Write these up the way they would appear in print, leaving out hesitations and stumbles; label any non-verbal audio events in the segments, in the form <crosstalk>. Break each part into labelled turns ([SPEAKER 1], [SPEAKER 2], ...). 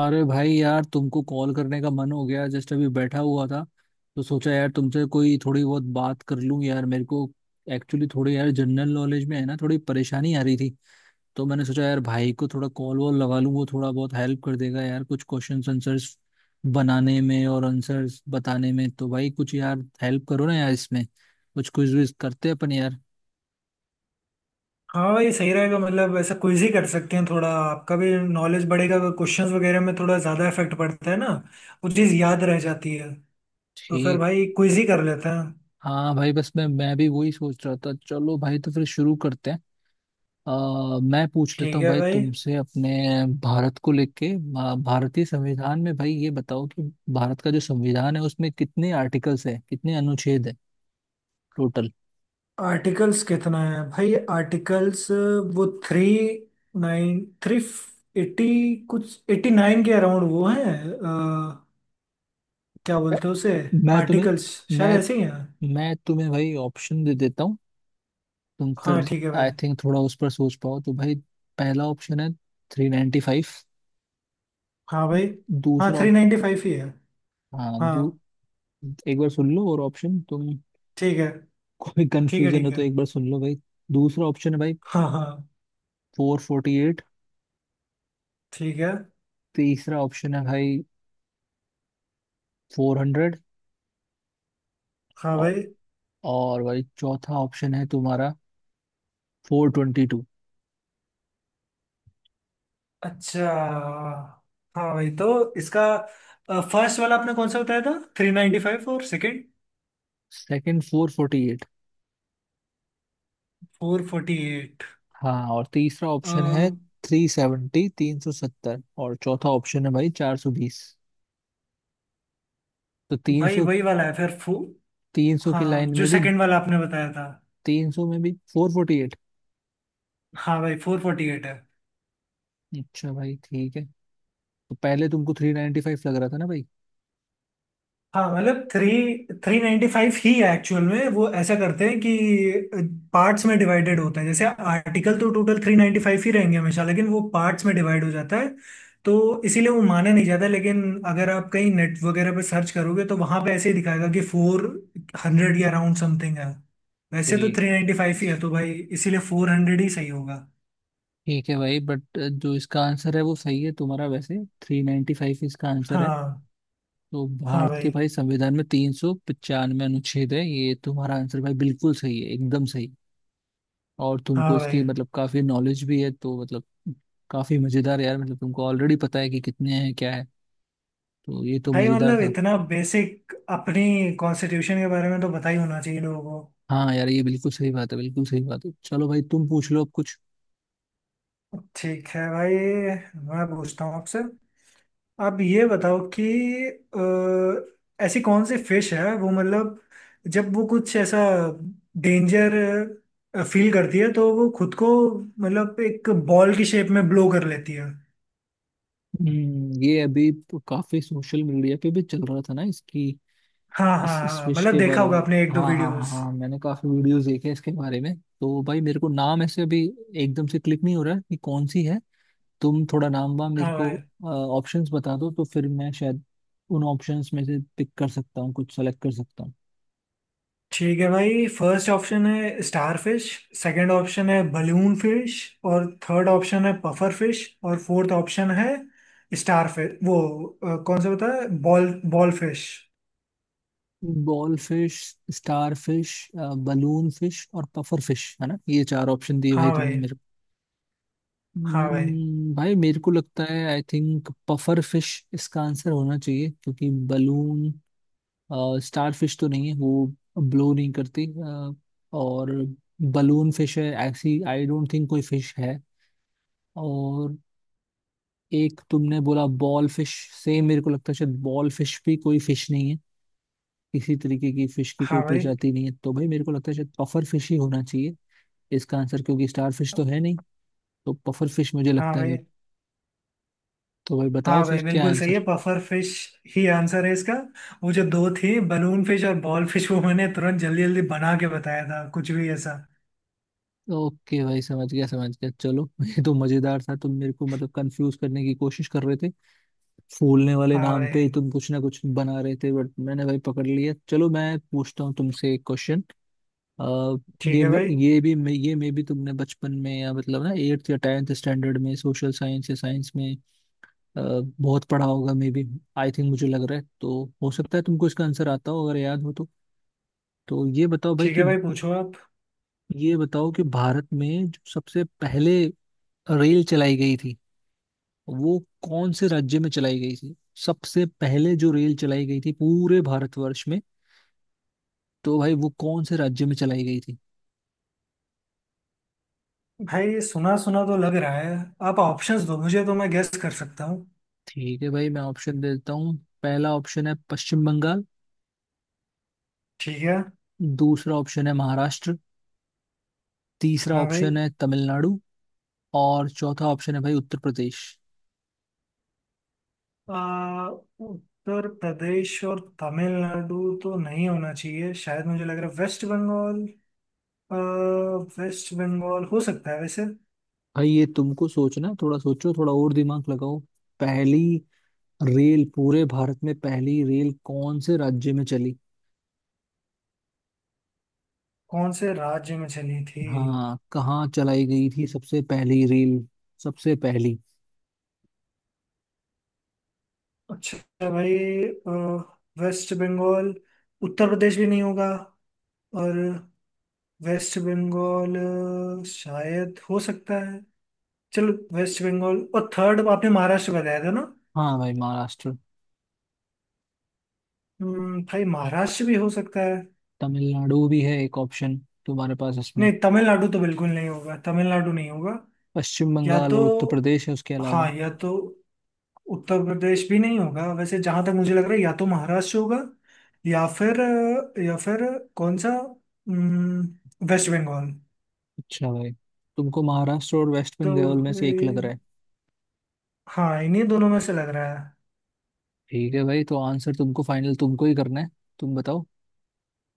[SPEAKER 1] अरे भाई यार तुमको कॉल करने का मन हो गया जस्ट अभी बैठा हुआ था। तो सोचा यार तुमसे कोई थोड़ी बहुत बात कर लूं। यार मेरे को एक्चुअली थोड़ी यार जनरल नॉलेज में है ना थोड़ी परेशानी आ रही थी। तो मैंने सोचा यार भाई को थोड़ा कॉल वॉल लगा लूं वो थोड़ा बहुत हेल्प कर देगा यार कुछ क्वेश्चंस आंसर्स बनाने में और आंसर्स बताने में। तो भाई कुछ यार हेल्प करो ना यार, इसमें कुछ क्विज विज करते हैं अपन यार।
[SPEAKER 2] हाँ भाई, सही रहेगा। मतलब ऐसा क्विज ही कर सकते हैं, थोड़ा आपका भी नॉलेज बढ़ेगा। क्वेश्चंस वगैरह में थोड़ा ज़्यादा इफेक्ट पड़ता है ना, वो चीज़ याद रह जाती है। तो फिर
[SPEAKER 1] ठीक।
[SPEAKER 2] भाई क्विज ही कर लेते हैं।
[SPEAKER 1] हाँ भाई बस मैं भी वही सोच रहा था। चलो भाई तो फिर शुरू करते हैं। अ, मैं पूछ लेता
[SPEAKER 2] ठीक
[SPEAKER 1] हूँ
[SPEAKER 2] है
[SPEAKER 1] भाई
[SPEAKER 2] भाई।
[SPEAKER 1] तुमसे अपने भारत को लेके भारतीय संविधान में भाई ये बताओ कि भारत का जो संविधान है उसमें कितने आर्टिकल्स हैं कितने अनुच्छेद हैं टोटल।
[SPEAKER 2] आर्टिकल्स कितना है भाई? आर्टिकल्स वो थ्री, 93, 80, कुछ 89 के अराउंड वो है। क्या बोलते हैं उसे?
[SPEAKER 1] मैं तुम्हें
[SPEAKER 2] आर्टिकल्स, शायद
[SPEAKER 1] मैं
[SPEAKER 2] ऐसे ही है।
[SPEAKER 1] मैं तुम्हें भाई ऑप्शन दे देता हूँ। तुम
[SPEAKER 2] हाँ,
[SPEAKER 1] फिर
[SPEAKER 2] ठीक है भाई।
[SPEAKER 1] आई थिंक थोड़ा उस पर सोच पाओ तो भाई पहला ऑप्शन है थ्री नाइन्टी फाइव।
[SPEAKER 2] हाँ भाई। हाँ,
[SPEAKER 1] दूसरा
[SPEAKER 2] थ्री
[SPEAKER 1] ऑप
[SPEAKER 2] नाइन्टी फाइव ही है।
[SPEAKER 1] हाँ
[SPEAKER 2] हाँ।
[SPEAKER 1] एक बार सुन लो और ऑप्शन तुम <laughs>
[SPEAKER 2] ठीक है।
[SPEAKER 1] कोई
[SPEAKER 2] ठीक है,
[SPEAKER 1] कंफ्यूजन
[SPEAKER 2] ठीक
[SPEAKER 1] हो
[SPEAKER 2] है।
[SPEAKER 1] तो एक बार सुन लो भाई। दूसरा ऑप्शन है भाई
[SPEAKER 2] हाँ हाँ।
[SPEAKER 1] फोर।
[SPEAKER 2] ठीक है।
[SPEAKER 1] तीसरा ऑप्शन है भाई फोर हंड्रेड।
[SPEAKER 2] हाँ भाई।
[SPEAKER 1] और भाई चौथा ऑप्शन है तुम्हारा फोर ट्वेंटी टू।
[SPEAKER 2] अच्छा। हाँ भाई, तो इसका फर्स्ट वाला आपने कौन सा बताया था, 395? और second,
[SPEAKER 1] second four forty eight.
[SPEAKER 2] 448।
[SPEAKER 1] हाँ, और तीसरा ऑप्शन है थ्री सेवेंटी तीन सौ सत्तर और चौथा ऑप्शन है भाई चार सौ बीस। तो तीन
[SPEAKER 2] भाई
[SPEAKER 1] सौ,
[SPEAKER 2] वही वाला है फिर फो
[SPEAKER 1] तीन सौ की
[SPEAKER 2] हाँ,
[SPEAKER 1] लाइन
[SPEAKER 2] जो
[SPEAKER 1] में भी
[SPEAKER 2] सेकंड वाला आपने बताया था।
[SPEAKER 1] तीन सौ में भी फोर फोर्टी एट।
[SPEAKER 2] हाँ भाई, 448 है।
[SPEAKER 1] अच्छा भाई ठीक है। तो पहले तुमको थ्री नाइन्टी फाइव लग रहा था ना भाई?
[SPEAKER 2] हाँ मतलब थ्री थ्री नाइन्टी फाइव ही है एक्चुअल में। वो ऐसा करते हैं कि पार्ट्स में डिवाइडेड होता है। जैसे आर्टिकल तो टोटल 395 ही रहेंगे हमेशा, लेकिन वो पार्ट्स में डिवाइड हो जाता है, तो इसीलिए वो माना नहीं जाता। लेकिन अगर आप कहीं नेट वगैरह पे सर्च करोगे, तो वहां पे ऐसे ही दिखाएगा कि 400 या अराउंड समथिंग है। वैसे तो
[SPEAKER 1] ठीक।
[SPEAKER 2] 395 ही है, तो भाई इसीलिए 400 ही सही होगा।
[SPEAKER 1] ठीक है भाई, बट जो इसका आंसर है वो सही है तुम्हारा। वैसे थ्री नाइन्टी फाइव इसका आंसर है।
[SPEAKER 2] हाँ।
[SPEAKER 1] तो
[SPEAKER 2] हाँ
[SPEAKER 1] भारत के
[SPEAKER 2] भाई।
[SPEAKER 1] भाई संविधान में तीन सौ पचानवे अनुच्छेद है। ये तुम्हारा आंसर भाई बिल्कुल सही है, एकदम सही। और
[SPEAKER 2] हाँ
[SPEAKER 1] तुमको इसकी
[SPEAKER 2] भाई।
[SPEAKER 1] मतलब काफी नॉलेज भी है तो मतलब काफी मजेदार यार। मतलब तुमको ऑलरेडी पता है कि कितने हैं क्या है। तो ये तो
[SPEAKER 2] भाई
[SPEAKER 1] मजेदार
[SPEAKER 2] मतलब
[SPEAKER 1] था।
[SPEAKER 2] इतना बेसिक अपनी कॉन्स्टिट्यूशन के बारे में तो पता ही होना चाहिए लोगों को।
[SPEAKER 1] हाँ यार ये बिल्कुल सही बात है, बिल्कुल सही बात है। चलो भाई तुम पूछ लो अब कुछ।
[SPEAKER 2] ठीक है भाई। मैं पूछता हूँ आपसे। आप ये बताओ कि ऐसी कौन सी फिश है वो, मतलब जब वो कुछ ऐसा डेंजर फील करती है, तो वो खुद को मतलब एक बॉल की शेप में ब्लो कर लेती है।
[SPEAKER 1] ये अभी तो काफी सोशल मीडिया पे भी चल रहा था ना इसकी
[SPEAKER 2] हाँ हाँ
[SPEAKER 1] इस
[SPEAKER 2] हाँ,
[SPEAKER 1] विश
[SPEAKER 2] मतलब
[SPEAKER 1] के
[SPEAKER 2] देखा
[SPEAKER 1] बारे
[SPEAKER 2] होगा
[SPEAKER 1] में।
[SPEAKER 2] आपने एक दो
[SPEAKER 1] हाँ हाँ हाँ
[SPEAKER 2] वीडियोस।
[SPEAKER 1] हाँ, मैंने काफी वीडियोस देखे हैं इसके बारे में। तो भाई मेरे को नाम ऐसे अभी एकदम से क्लिक नहीं हो रहा है कि कौन सी है। तुम थोड़ा नाम वाम मेरे
[SPEAKER 2] हाँ
[SPEAKER 1] को
[SPEAKER 2] भाई।
[SPEAKER 1] ऑप्शंस बता दो तो फिर मैं शायद उन ऑप्शंस में से पिक कर सकता हूँ, कुछ सेलेक्ट कर सकता हूँ।
[SPEAKER 2] ठीक है भाई। फर्स्ट ऑप्शन है स्टार फिश। सेकंड ऑप्शन है बलून फिश। और थर्ड ऑप्शन है पफर फिश। और फोर्थ ऑप्शन है स्टार फिश। वो कौन सा बताया, ball, ball fish.
[SPEAKER 1] Ball fish, star fish, balloon fish और पफर फिश, है ना? ये चार ऑप्शन दिए
[SPEAKER 2] हाँ
[SPEAKER 1] भाई तुमने
[SPEAKER 2] भाई।
[SPEAKER 1] मेरे को।
[SPEAKER 2] हाँ भाई।
[SPEAKER 1] भाई मेरे को लगता है आई थिंक पफर फिश इसका आंसर होना चाहिए। क्योंकि बलून स्टार फिश तो नहीं है, वो ब्लो नहीं करती। और बलून फिश है ऐसी आई डोंट थिंक कोई फिश है। और एक तुमने बोला बॉल फिश, सेम मेरे को लगता है शायद बॉल फिश भी कोई फिश नहीं है। किसी तरीके की फिश की कोई
[SPEAKER 2] हाँ भाई।
[SPEAKER 1] प्रजाति नहीं है। तो भाई मेरे को लगता है शायद पफर फिश ही होना चाहिए इसका आंसर। क्योंकि स्टार फिश तो है नहीं तो पफर फिश मुझे
[SPEAKER 2] हाँ
[SPEAKER 1] लगता है
[SPEAKER 2] भाई।
[SPEAKER 1] भाई। तो भाई बताओ
[SPEAKER 2] हाँ भाई,
[SPEAKER 1] फिर क्या
[SPEAKER 2] बिल्कुल सही
[SPEAKER 1] आंसर।
[SPEAKER 2] है। पफर फिश ही आंसर है इसका। वो जो दो थी, बलून फिश और बॉल फिश, वो मैंने तुरंत जल्दी जल्दी बना के बताया था, कुछ भी ऐसा।
[SPEAKER 1] ओके भाई समझ गया समझ गया। चलो <laughs> ये तो मजेदार था। तुम मेरे को मतलब कंफ्यूज करने की कोशिश कर रहे थे। फूलने वाले
[SPEAKER 2] हाँ
[SPEAKER 1] नाम पे
[SPEAKER 2] भाई।
[SPEAKER 1] ही तुम कुछ ना कुछ बना रहे थे, बट मैंने भाई पकड़ लिया। चलो मैं पूछता हूँ तुमसे एक क्वेश्चन।
[SPEAKER 2] ठीक
[SPEAKER 1] ये
[SPEAKER 2] है
[SPEAKER 1] मे-
[SPEAKER 2] भाई।
[SPEAKER 1] ये भी मे- ये मे भी तुमने बचपन में या मतलब ना एट्थ या टेंथ स्टैंडर्ड में सोशल साइंस या साइंस में अ, बहुत पढ़ा होगा मे बी। आई थिंक मुझे लग रहा है तो हो सकता है तुमको इसका आंसर आता हो, अगर याद हो तो। तो ये बताओ भाई
[SPEAKER 2] ठीक
[SPEAKER 1] कि
[SPEAKER 2] है भाई, पूछो आप।
[SPEAKER 1] ये बताओ कि भारत में जो सबसे पहले रेल चलाई गई थी वो कौन से राज्य में चलाई गई थी। सबसे पहले जो रेल चलाई गई थी पूरे भारतवर्ष में, तो भाई वो कौन से राज्य में चलाई गई थी?
[SPEAKER 2] भाई, सुना सुना तो लग रहा है। आप ऑप्शंस दो मुझे, तो मैं गेस कर सकता हूँ।
[SPEAKER 1] ठीक है भाई मैं ऑप्शन दे देता हूँ। पहला ऑप्शन है पश्चिम बंगाल।
[SPEAKER 2] ठीक है।
[SPEAKER 1] दूसरा ऑप्शन है महाराष्ट्र। तीसरा
[SPEAKER 2] हाँ भाई।
[SPEAKER 1] ऑप्शन है तमिलनाडु। और चौथा ऑप्शन है भाई उत्तर प्रदेश।
[SPEAKER 2] आ, उत्तर प्रदेश और तमिलनाडु तो नहीं होना चाहिए। शायद मुझे लग रहा है वेस्ट बंगाल। आ, वेस्ट बंगाल हो सकता है वैसे।
[SPEAKER 1] भाई ये तुमको सोचना है, थोड़ा सोचो थोड़ा और दिमाग लगाओ। पहली रेल, पूरे भारत में पहली रेल कौन से राज्य में चली?
[SPEAKER 2] कौन से राज्य में चली थी?
[SPEAKER 1] हाँ कहाँ चलाई गई थी सबसे पहली रील, सबसे पहली।
[SPEAKER 2] अच्छा भाई। अ, वेस्ट बंगाल। उत्तर प्रदेश भी नहीं होगा। और वेस्ट बंगाल शायद हो सकता है। चलो, वेस्ट बंगाल। और थर्ड आपने महाराष्ट्र बताया था ना?
[SPEAKER 1] हाँ भाई महाराष्ट्र,
[SPEAKER 2] भाई महाराष्ट्र भी हो सकता है।
[SPEAKER 1] तमिलनाडु भी है एक ऑप्शन तुम्हारे पास इसमें।
[SPEAKER 2] नहीं, तमिलनाडु तो बिल्कुल नहीं होगा। तमिलनाडु नहीं होगा।
[SPEAKER 1] पश्चिम
[SPEAKER 2] या
[SPEAKER 1] बंगाल
[SPEAKER 2] तो,
[SPEAKER 1] और उत्तर प्रदेश है उसके अलावा।
[SPEAKER 2] हाँ, या तो उत्तर प्रदेश भी नहीं होगा वैसे, जहां तक मुझे लग रहा है। या तो महाराष्ट्र होगा, या फिर या फिर कौन सा? वेस्ट बंगाल।
[SPEAKER 1] अच्छा भाई, तुमको महाराष्ट्र और वेस्ट
[SPEAKER 2] तो
[SPEAKER 1] बंगाल में से एक
[SPEAKER 2] भाई,
[SPEAKER 1] लग रहा है।
[SPEAKER 2] हाँ, इन्हीं दोनों में से लग रहा है।
[SPEAKER 1] ठीक है भाई तो आंसर तुमको फाइनल तुमको ही करना है। तुम बताओ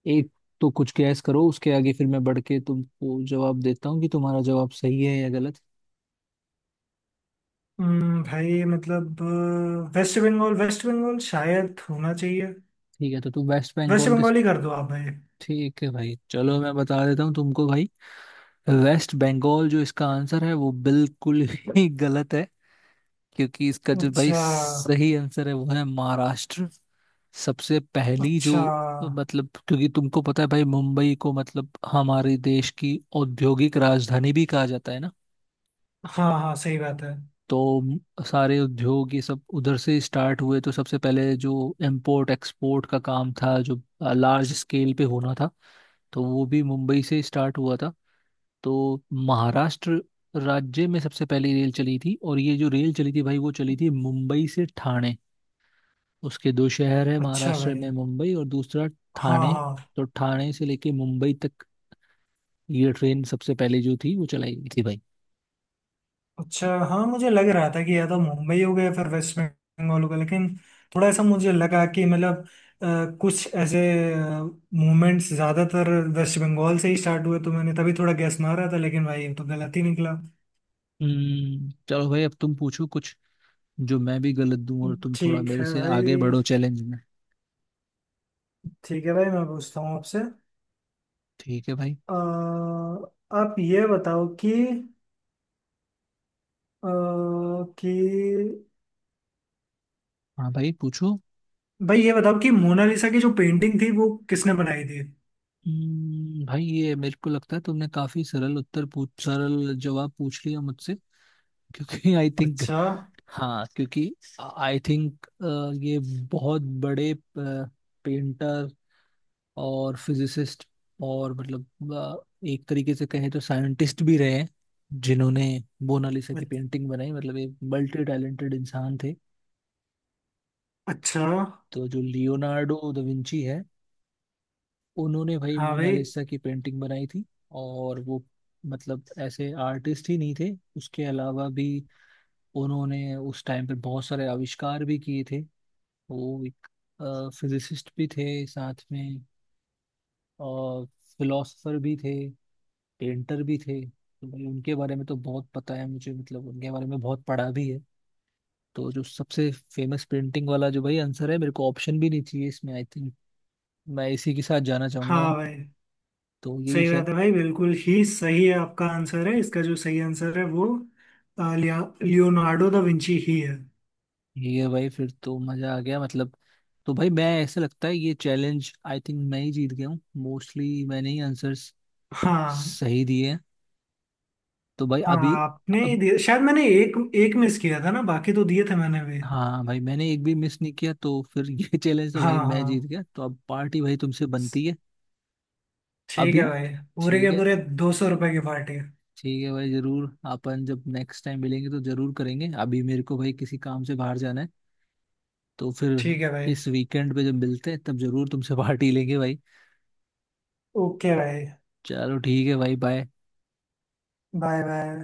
[SPEAKER 1] एक, तो कुछ गैस करो उसके आगे फिर मैं बढ़ के तुमको जवाब देता हूँ कि तुम्हारा जवाब सही है या गलत।
[SPEAKER 2] भाई मतलब वेस्ट बंगाल, वेस्ट बंगाल शायद होना चाहिए।
[SPEAKER 1] ठीक है तो तुम वेस्ट
[SPEAKER 2] वेस्ट
[SPEAKER 1] बंगाल के।
[SPEAKER 2] बंगाल ही कर दो आप भाई।
[SPEAKER 1] ठीक है भाई चलो मैं बता देता हूँ तुमको भाई। वेस्ट बंगाल जो इसका आंसर है वो बिल्कुल ही <laughs> गलत है। क्योंकि इसका जो भाई
[SPEAKER 2] अच्छा।
[SPEAKER 1] सही आंसर है वो है महाराष्ट्र। सबसे पहली जो
[SPEAKER 2] अच्छा।
[SPEAKER 1] मतलब, क्योंकि तुमको पता है भाई मुंबई को मतलब हमारे देश की औद्योगिक राजधानी भी कहा जाता है ना।
[SPEAKER 2] हाँ हाँ, सही बात है।
[SPEAKER 1] तो सारे उद्योग ये सब उधर से स्टार्ट हुए। तो सबसे पहले जो इम्पोर्ट एक्सपोर्ट का काम था जो लार्ज स्केल पे होना था तो वो भी मुंबई से स्टार्ट हुआ था। तो महाराष्ट्र राज्य में सबसे पहली रेल चली थी। और ये जो रेल चली थी भाई वो चली थी मुंबई से ठाणे। उसके दो शहर है
[SPEAKER 2] अच्छा
[SPEAKER 1] महाराष्ट्र
[SPEAKER 2] भाई।
[SPEAKER 1] में, मुंबई और दूसरा
[SPEAKER 2] हाँ
[SPEAKER 1] ठाणे।
[SPEAKER 2] हाँ।
[SPEAKER 1] तो ठाणे से लेके मुंबई तक ये ट्रेन सबसे पहले जो थी वो चलाई गई थी भाई।
[SPEAKER 2] अच्छा, हाँ, मुझे लग रहा था कि या तो मुंबई हो गया, फिर वेस्ट बंगाल हो गया। लेकिन थोड़ा ऐसा मुझे लगा कि मतलब कुछ ऐसे मूवमेंट्स ज़्यादातर वेस्ट बंगाल से ही स्टार्ट हुए, तो मैंने तभी थोड़ा गैस मारा था। लेकिन भाई ये तो गलत ही निकला।
[SPEAKER 1] चलो भाई अब तुम पूछो कुछ, जो मैं भी गलत दूं और तुम थोड़ा
[SPEAKER 2] ठीक
[SPEAKER 1] मेरे
[SPEAKER 2] है
[SPEAKER 1] से आगे
[SPEAKER 2] भाई।
[SPEAKER 1] बढ़ो चैलेंज में।
[SPEAKER 2] ठीक है भाई, मैं पूछता हूँ आपसे।
[SPEAKER 1] ठीक है भाई।
[SPEAKER 2] आप ये बताओ कि अ, कि
[SPEAKER 1] हाँ भाई पूछो।
[SPEAKER 2] भाई ये बताओ कि मोनालिसा की जो पेंटिंग थी वो किसने बनाई थी।
[SPEAKER 1] भाई ये मेरे को लगता है तुमने काफी सरल उत्तर पूछ, सरल जवाब पूछ लिया मुझसे। क्योंकि आई थिंक,
[SPEAKER 2] अच्छा।
[SPEAKER 1] हाँ क्योंकि आई थिंक ये बहुत बड़े पेंटर और फिजिसिस्ट और मतलब एक तरीके से कहें तो साइंटिस्ट भी रहे हैं, जिन्होंने मोनालिसा की
[SPEAKER 2] अच-
[SPEAKER 1] पेंटिंग बनाई। मतलब ये मल्टी टैलेंटेड इंसान थे।
[SPEAKER 2] अच्छा।
[SPEAKER 1] तो जो लियोनार्डो दा विंची है, उन्होंने भाई
[SPEAKER 2] हाँ भाई।
[SPEAKER 1] मोनालिसा की पेंटिंग बनाई थी। और वो मतलब ऐसे आर्टिस्ट ही नहीं थे। उसके अलावा भी उन्होंने उस टाइम पे बहुत सारे आविष्कार भी किए थे। वो एक फिजिसिस्ट भी थे साथ में, और फिलोसफर भी थे, पेंटर भी थे। तो भाई उनके बारे में तो बहुत पता है मुझे, मतलब उनके बारे में बहुत पढ़ा भी है। तो जो सबसे फेमस पेंटिंग वाला जो भाई आंसर है, मेरे को ऑप्शन भी नहीं चाहिए इसमें आई थिंक, मैं इसी के साथ जाना चाहूंगा।
[SPEAKER 2] हाँ भाई।
[SPEAKER 1] तो यही
[SPEAKER 2] सही बात
[SPEAKER 1] शायद
[SPEAKER 2] है भाई, बिल्कुल ही सही है आपका आंसर। है इसका जो सही आंसर है वो, अ, लिया लियोनार्डो दा विंची ही है।
[SPEAKER 1] ये है भाई। फिर तो मजा आ गया मतलब। तो भाई मैं ऐसा लगता है ये चैलेंज आई थिंक मैं ही जीत गया हूँ। मोस्टली मैंने ही आंसर्स
[SPEAKER 2] हाँ।
[SPEAKER 1] सही दिए हैं। तो भाई
[SPEAKER 2] हाँ,
[SPEAKER 1] अभी,
[SPEAKER 2] आपने ही
[SPEAKER 1] अब
[SPEAKER 2] दिया। शायद मैंने एक एक मिस किया था ना, बाकी तो दिए थे मैंने भी।
[SPEAKER 1] हाँ भाई मैंने एक भी मिस नहीं किया तो फिर ये <laughs> चैलेंज तो
[SPEAKER 2] हाँ
[SPEAKER 1] भाई मैं जीत
[SPEAKER 2] हाँ।
[SPEAKER 1] गया। तो अब पार्टी भाई तुमसे बनती है
[SPEAKER 2] ठीक है
[SPEAKER 1] अभी।
[SPEAKER 2] भाई। पूरे
[SPEAKER 1] ठीक
[SPEAKER 2] के
[SPEAKER 1] है।
[SPEAKER 2] पूरे ₹200 की पार्टी।
[SPEAKER 1] ठीक है भाई जरूर, अपन जब नेक्स्ट टाइम मिलेंगे तो जरूर करेंगे। अभी मेरे को भाई किसी काम से बाहर जाना है, तो फिर
[SPEAKER 2] ठीक है भाई।
[SPEAKER 1] इस वीकेंड पे जब मिलते हैं तब जरूर तुमसे <laughs> पार्टी लेंगे भाई।
[SPEAKER 2] ओके भाई।
[SPEAKER 1] चलो ठीक है भाई बाय।
[SPEAKER 2] Bye bye.